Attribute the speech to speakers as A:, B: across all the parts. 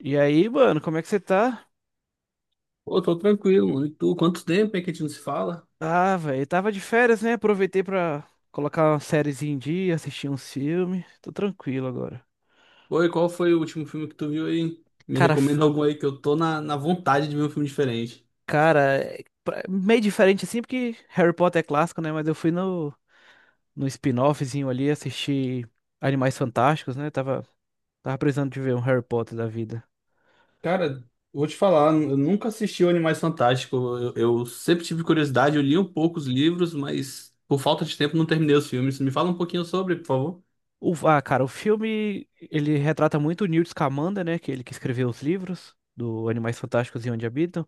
A: E aí, mano, como é que você tá?
B: Pô, tô tranquilo, mano. E tu, quanto tempo é que a gente não se fala?
A: Ah, velho, tava de férias, né? Aproveitei pra colocar uma sériezinha em dia, assistir uns filmes. Tô tranquilo agora.
B: Oi, qual foi o último filme que tu viu aí? Me
A: Cara, f-
B: recomenda algum aí que eu tô na vontade de ver um filme diferente.
A: cara, meio diferente assim, porque Harry Potter é clássico, né? Mas eu fui no spin-offzinho ali, assisti Animais Fantásticos, né? Tava precisando de ver um Harry Potter da vida.
B: Cara, vou te falar, eu nunca assisti o Animais Fantásticos. Eu sempre tive curiosidade, eu li um pouco os livros, mas por falta de tempo não terminei os filmes. Me fala um pouquinho sobre, por favor.
A: Cara, o filme, ele retrata muito o Newt Scamander, né? Que é ele que escreveu os livros do Animais Fantásticos e Onde Habitam.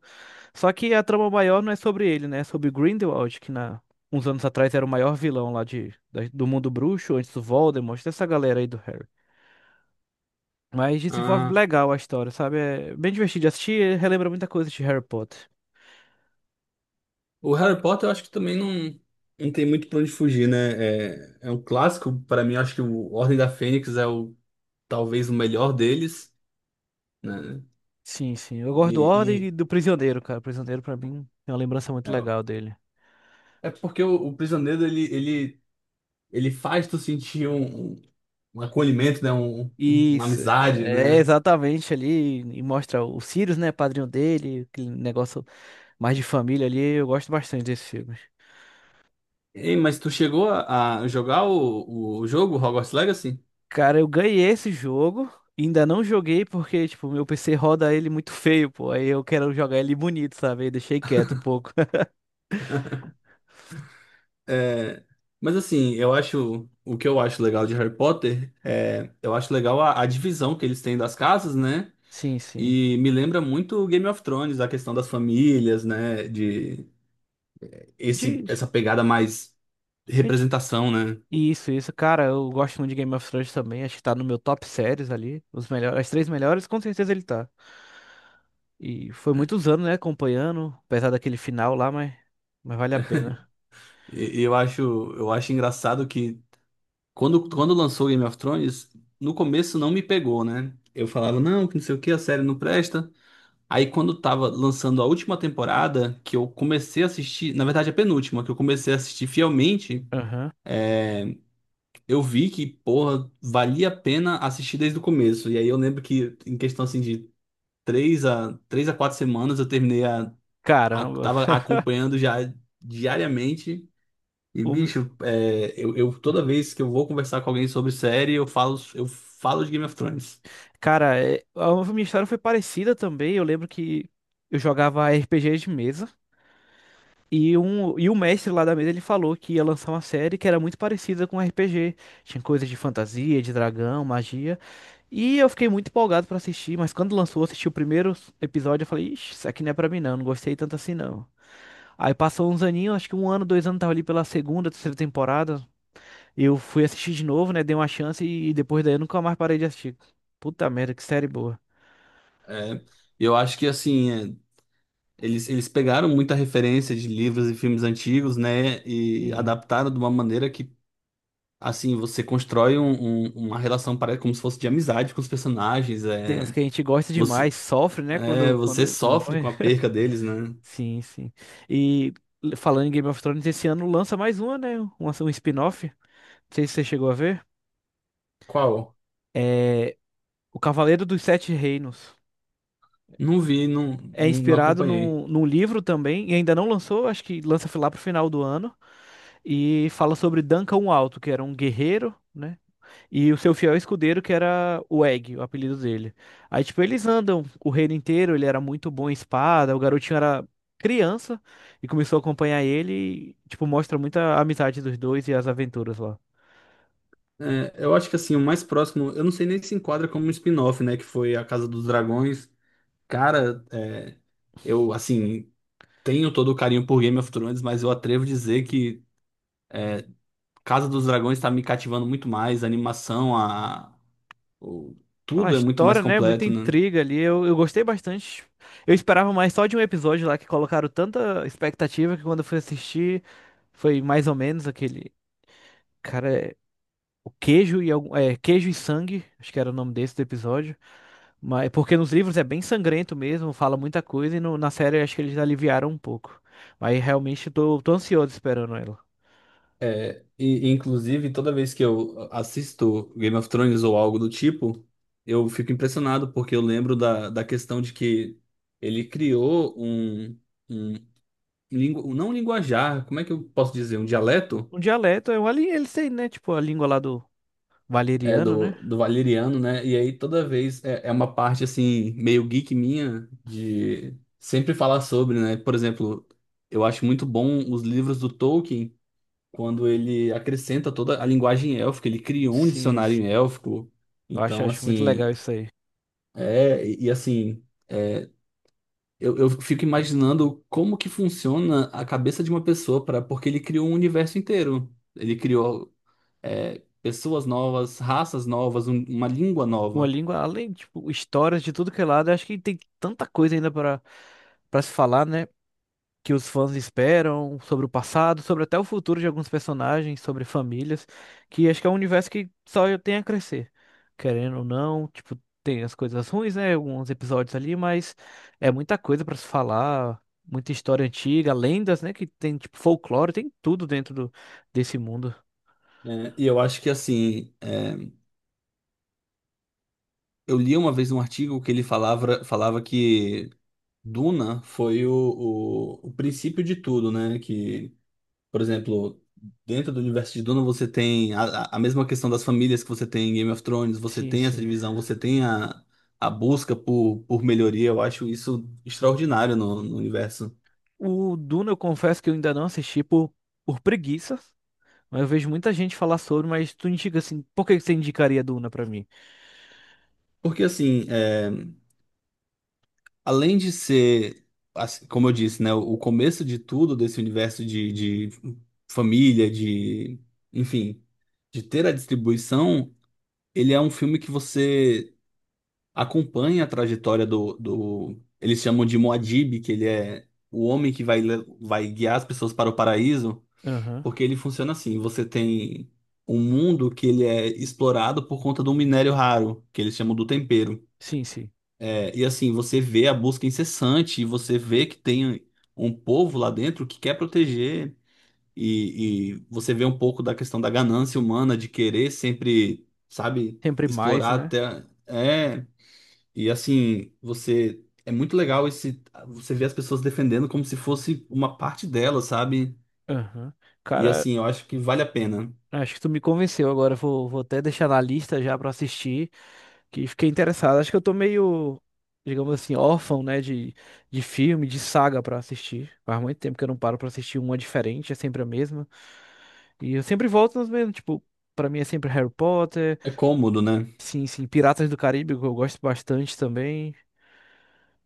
A: Só que a trama maior não é sobre ele, né? É sobre Grindelwald, que na... uns anos atrás era o maior vilão lá de... do mundo bruxo, antes do Voldemort, dessa galera aí do Harry. Mas desenvolve
B: Ah,
A: legal a história, sabe? É bem divertido de assistir, relembra muita coisa de Harry Potter.
B: o Harry Potter eu acho que também não tem muito pra onde fugir, né? É um clássico, pra mim, eu acho que o Ordem da Fênix é o talvez o melhor deles, né?
A: Sim, sim. Eu gosto do Ordem e
B: E,
A: do Prisioneiro, cara. O Prisioneiro, pra mim, é uma lembrança muito
B: É,
A: legal dele.
B: é porque o prisioneiro ele faz tu sentir um acolhimento, né? Uma
A: Isso,
B: amizade,
A: é
B: né?
A: exatamente ali, e mostra o Sirius, né, padrinho dele, aquele negócio mais de família ali, eu gosto bastante desse filme.
B: Ei, mas tu chegou a jogar o jogo Hogwarts Legacy?
A: Cara, eu ganhei esse jogo, ainda não joguei porque, tipo, meu PC roda ele muito feio, pô. Aí eu quero jogar ele bonito, sabe? Aí deixei quieto um pouco.
B: É, mas assim, eu acho o que eu acho legal de Harry Potter é eu acho legal a divisão que eles têm das casas, né?
A: Sim, sim.
B: E me lembra muito Game of Thrones, a questão das famílias, né? De esse
A: De...
B: essa pegada mais
A: de-
B: representação, né?
A: Isso, isso. Cara, eu gosto muito de Game of Thrones também. Acho que tá no meu top séries ali. Os melhores, as três melhores, com certeza ele tá. E foi muitos anos, né, acompanhando, apesar daquele final lá, mas vale a pena.
B: E e eu acho, eu acho engraçado que quando lançou Game of Thrones, no começo não me pegou, né? Eu falava, não, que não sei o que, a série não presta. Aí quando tava lançando a última temporada, que eu comecei a assistir, na verdade a penúltima, que eu comecei a assistir fielmente,
A: Aham.
B: eu vi que, porra, valia a pena assistir desde o começo. E aí eu lembro que, em questão assim de três a quatro semanas, eu terminei
A: Caramba.
B: tava acompanhando já diariamente. E,
A: O meu-
B: bicho, é, toda vez que eu vou conversar com alguém sobre série, eu falo de Game of Thrones.
A: Cara, a minha história foi parecida também. Eu lembro que eu jogava RPG de mesa. E o mestre lá da mesa ele falou que ia lançar uma série que era muito parecida com RPG. Tinha coisas de fantasia, de dragão, magia. E eu fiquei muito empolgado pra assistir, mas quando lançou, eu assisti o primeiro episódio, eu falei, ixi, isso aqui não é pra mim não, não gostei tanto assim não. Aí passou uns aninhos, acho que um ano, dois anos, tava ali pela segunda, terceira temporada. Eu fui assistir de novo, né, dei uma chance e depois daí eu nunca mais parei de assistir. Puta merda, que série boa.
B: É, eu acho que, assim, é, eles pegaram muita referência de livros e filmes antigos, né? E
A: E
B: adaptaram de uma maneira que, assim, você constrói uma relação pare- como se fosse de amizade com os personagens.
A: tem uns que a gente gosta
B: Você,
A: demais, sofre, né,
B: é, você
A: quando
B: sofre
A: morre.
B: com a perca deles, né?
A: Sim, sim. E falando em Game of Thrones, esse ano lança mais uma, né? Um spin-off. Não sei se você chegou a ver.
B: Qual?
A: É O Cavaleiro dos Sete Reinos.
B: Não vi, não,
A: É
B: não não
A: inspirado
B: acompanhei.
A: num livro também, e ainda não lançou, acho que lança lá pro final do ano. E fala sobre Duncan o Alto, que era um guerreiro, né? E o seu fiel escudeiro, que era o Egg, o apelido dele. Aí, tipo, eles andam o reino inteiro, ele era muito bom em espada, o garotinho era criança e começou a acompanhar ele, e, tipo, mostra muita amizade dos dois e as aventuras lá.
B: É, eu acho que assim, o mais próximo, eu não sei nem se enquadra como um spin-off, né? Que foi A Casa dos Dragões. Cara, é, eu assim, tenho todo o carinho por Game of Thrones, mas eu atrevo a dizer que Casa dos Dragões tá me cativando muito mais, a animação, o-
A: A
B: tudo é muito mais
A: história, né? Muita
B: completo, né?
A: intriga ali, eu gostei bastante. Eu esperava mais só de um episódio lá que colocaram tanta expectativa que quando eu fui assistir foi mais ou menos aquele. Cara, é, o queijo e algum, é, queijo e sangue, acho que era o nome desse do episódio. Mas, é porque nos livros é bem sangrento mesmo, fala muita coisa, e na série eu acho que eles aliviaram um pouco. Mas realmente eu tô, tô ansioso esperando ela.
B: É, e, inclusive, toda vez que eu assisto Game of Thrones ou algo do tipo, eu fico impressionado, porque eu lembro da questão de que ele criou um. um- não linguajar, como é que eu posso dizer? Um dialeto
A: Um dialeto, é um ali, eles têm, né? Tipo, a língua lá do
B: é
A: valeriano, né?
B: do valeriano, né? E aí toda vez é, é uma parte assim, meio geek minha de sempre falar sobre, né? Por exemplo, eu acho muito bom os livros do Tolkien, quando ele acrescenta toda a linguagem élfica, ele criou um
A: Sim, sim.
B: dicionário élfico.
A: Eu acho,
B: Então,
A: acho muito legal
B: assim,
A: isso aí.
B: assim, é, eu fico imaginando como que funciona a cabeça de uma pessoa para, porque ele criou um universo inteiro. Ele criou é, pessoas novas, raças novas, uma língua
A: Uma
B: nova.
A: língua, além, tipo, histórias de tudo que é lado, eu acho que tem tanta coisa ainda para se falar, né? Que os fãs esperam, sobre o passado, sobre até o futuro de alguns personagens, sobre famílias, que acho que é um universo que só tem a crescer, querendo ou não, tipo, tem as coisas ruins, né, alguns episódios ali, mas é muita coisa pra se falar, muita história antiga, lendas, né, que tem tipo folclore, tem tudo dentro desse mundo.
B: É, e eu acho que assim, é, eu li uma vez um artigo que ele falava, falava que Duna foi o princípio de tudo, né? Que, por exemplo, dentro do universo de Duna você tem a a mesma questão das famílias que você tem em Game of Thrones, você
A: Sim,
B: tem essa
A: sim.
B: divisão, você tem a busca por melhoria. Eu acho isso extraordinário no universo.
A: O Duna, eu confesso que eu ainda não assisti por preguiça. Mas eu vejo muita gente falar sobre, mas tu indica assim, por que que você indicaria Duna pra mim?
B: Porque assim, é, além de ser, assim, como eu disse, né, o começo de tudo desse universo de família, de, enfim, de ter a distribuição, ele é um filme que você acompanha a trajetória eles chamam de Muad'Dib, que ele é o homem que vai, le- vai guiar as pessoas para o paraíso,
A: Aham.
B: porque ele funciona assim, você tem um mundo que ele é explorado por conta de um minério raro, que eles chamam do tempero.
A: Sim, sim.
B: É, e assim, você vê a busca incessante, e você vê que tem um povo lá dentro que quer proteger, e você vê um pouco da questão da ganância humana de querer sempre, sabe,
A: Sempre mais,
B: explorar
A: né?
B: até. É, e assim, você. É muito legal esse. Você vê as pessoas defendendo como se fosse uma parte delas, sabe?
A: Aham.
B: E
A: Cara,
B: assim, eu acho que vale a pena.
A: acho que tu me convenceu agora. Vou até deixar na lista já pra assistir, que fiquei interessado. Acho que eu tô meio, digamos assim, órfão, né, de filme, de saga pra assistir. Faz muito tempo que eu não paro pra assistir uma diferente, é sempre a mesma. E eu sempre volto nos mesmos, tipo, pra mim é sempre Harry Potter,
B: É cômodo, né?
A: sim, sim, Piratas do Caribe, que eu gosto bastante também.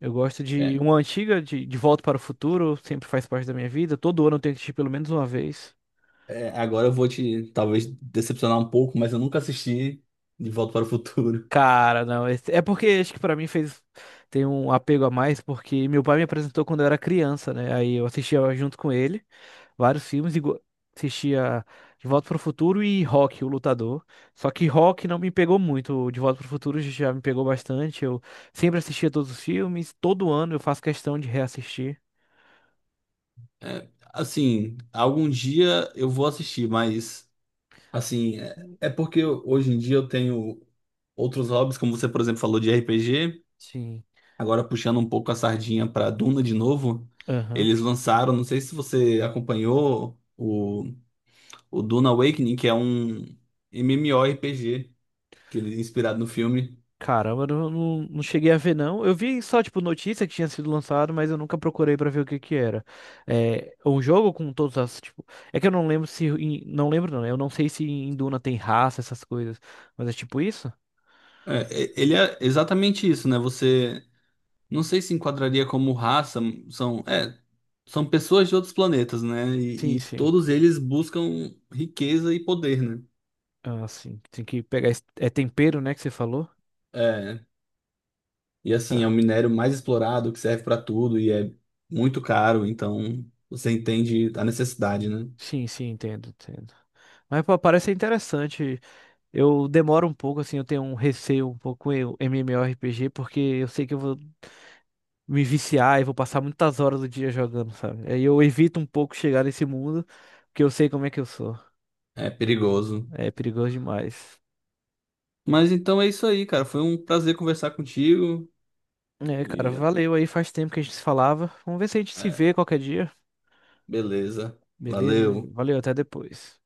A: Eu gosto de
B: É,
A: uma antiga, de Volta para o Futuro, sempre faz parte da minha vida. Todo ano eu tenho que assistir pelo menos uma vez.
B: é, agora eu vou te, talvez, decepcionar um pouco, mas eu nunca assisti De Volta para o Futuro.
A: Cara, não. É porque acho que pra mim fez. Tem um apego a mais, porque meu pai me apresentou quando eu era criança, né? Aí eu assistia junto com ele vários filmes, e assistia De Volta pro Futuro e Rock, o Lutador. Só que Rock não me pegou muito. O De Volta pro Futuro já me pegou bastante. Eu sempre assistia todos os filmes, todo ano eu faço questão de reassistir.
B: É, assim, algum dia eu vou assistir, mas assim, é porque hoje em dia eu tenho outros hobbies, como você, por exemplo, falou de RPG.
A: Sim.
B: Agora puxando um pouco a sardinha para Duna de novo,
A: Aham.
B: eles lançaram, não sei se você acompanhou o Duna Awakening, que é um MMORPG que ele é inspirado no filme.
A: Caramba, eu não, não, não cheguei a ver, não. Eu vi só, tipo, notícia que tinha sido lançado, mas eu nunca procurei pra ver o que que era. É um jogo com todas as, tipo... É que eu não lembro se... Não lembro, não. Né? Eu não sei se em Duna tem raça, essas coisas. Mas é tipo isso?
B: É, ele é exatamente isso, né? Você não sei se enquadraria como raça, são, é, são pessoas de outros planetas, né?
A: Sim,
B: E
A: sim.
B: todos eles buscam riqueza e poder, né?
A: Ah, sim. Tem que pegar... É tempero, né, que você falou?
B: É, e assim, é o
A: Cara,
B: minério mais explorado, que serve para tudo e é muito caro, então você entende a necessidade, né?
A: sim, sim, entendo, entendo. Mas, pô, parece interessante. Eu demoro um pouco, assim, eu tenho um receio um pouco com o MMORPG, porque eu sei que eu vou me viciar e vou passar muitas horas do dia jogando, sabe? Aí eu evito um pouco chegar nesse mundo, porque eu sei como é que eu sou.
B: É perigoso.
A: É perigoso demais.
B: Mas então é isso aí, cara. Foi um prazer conversar contigo
A: É, cara,
B: e
A: valeu aí, faz tempo que a gente se falava. Vamos ver se a gente se vê
B: é,
A: qualquer dia.
B: beleza.
A: Beleza?
B: Valeu.
A: Valeu, até depois.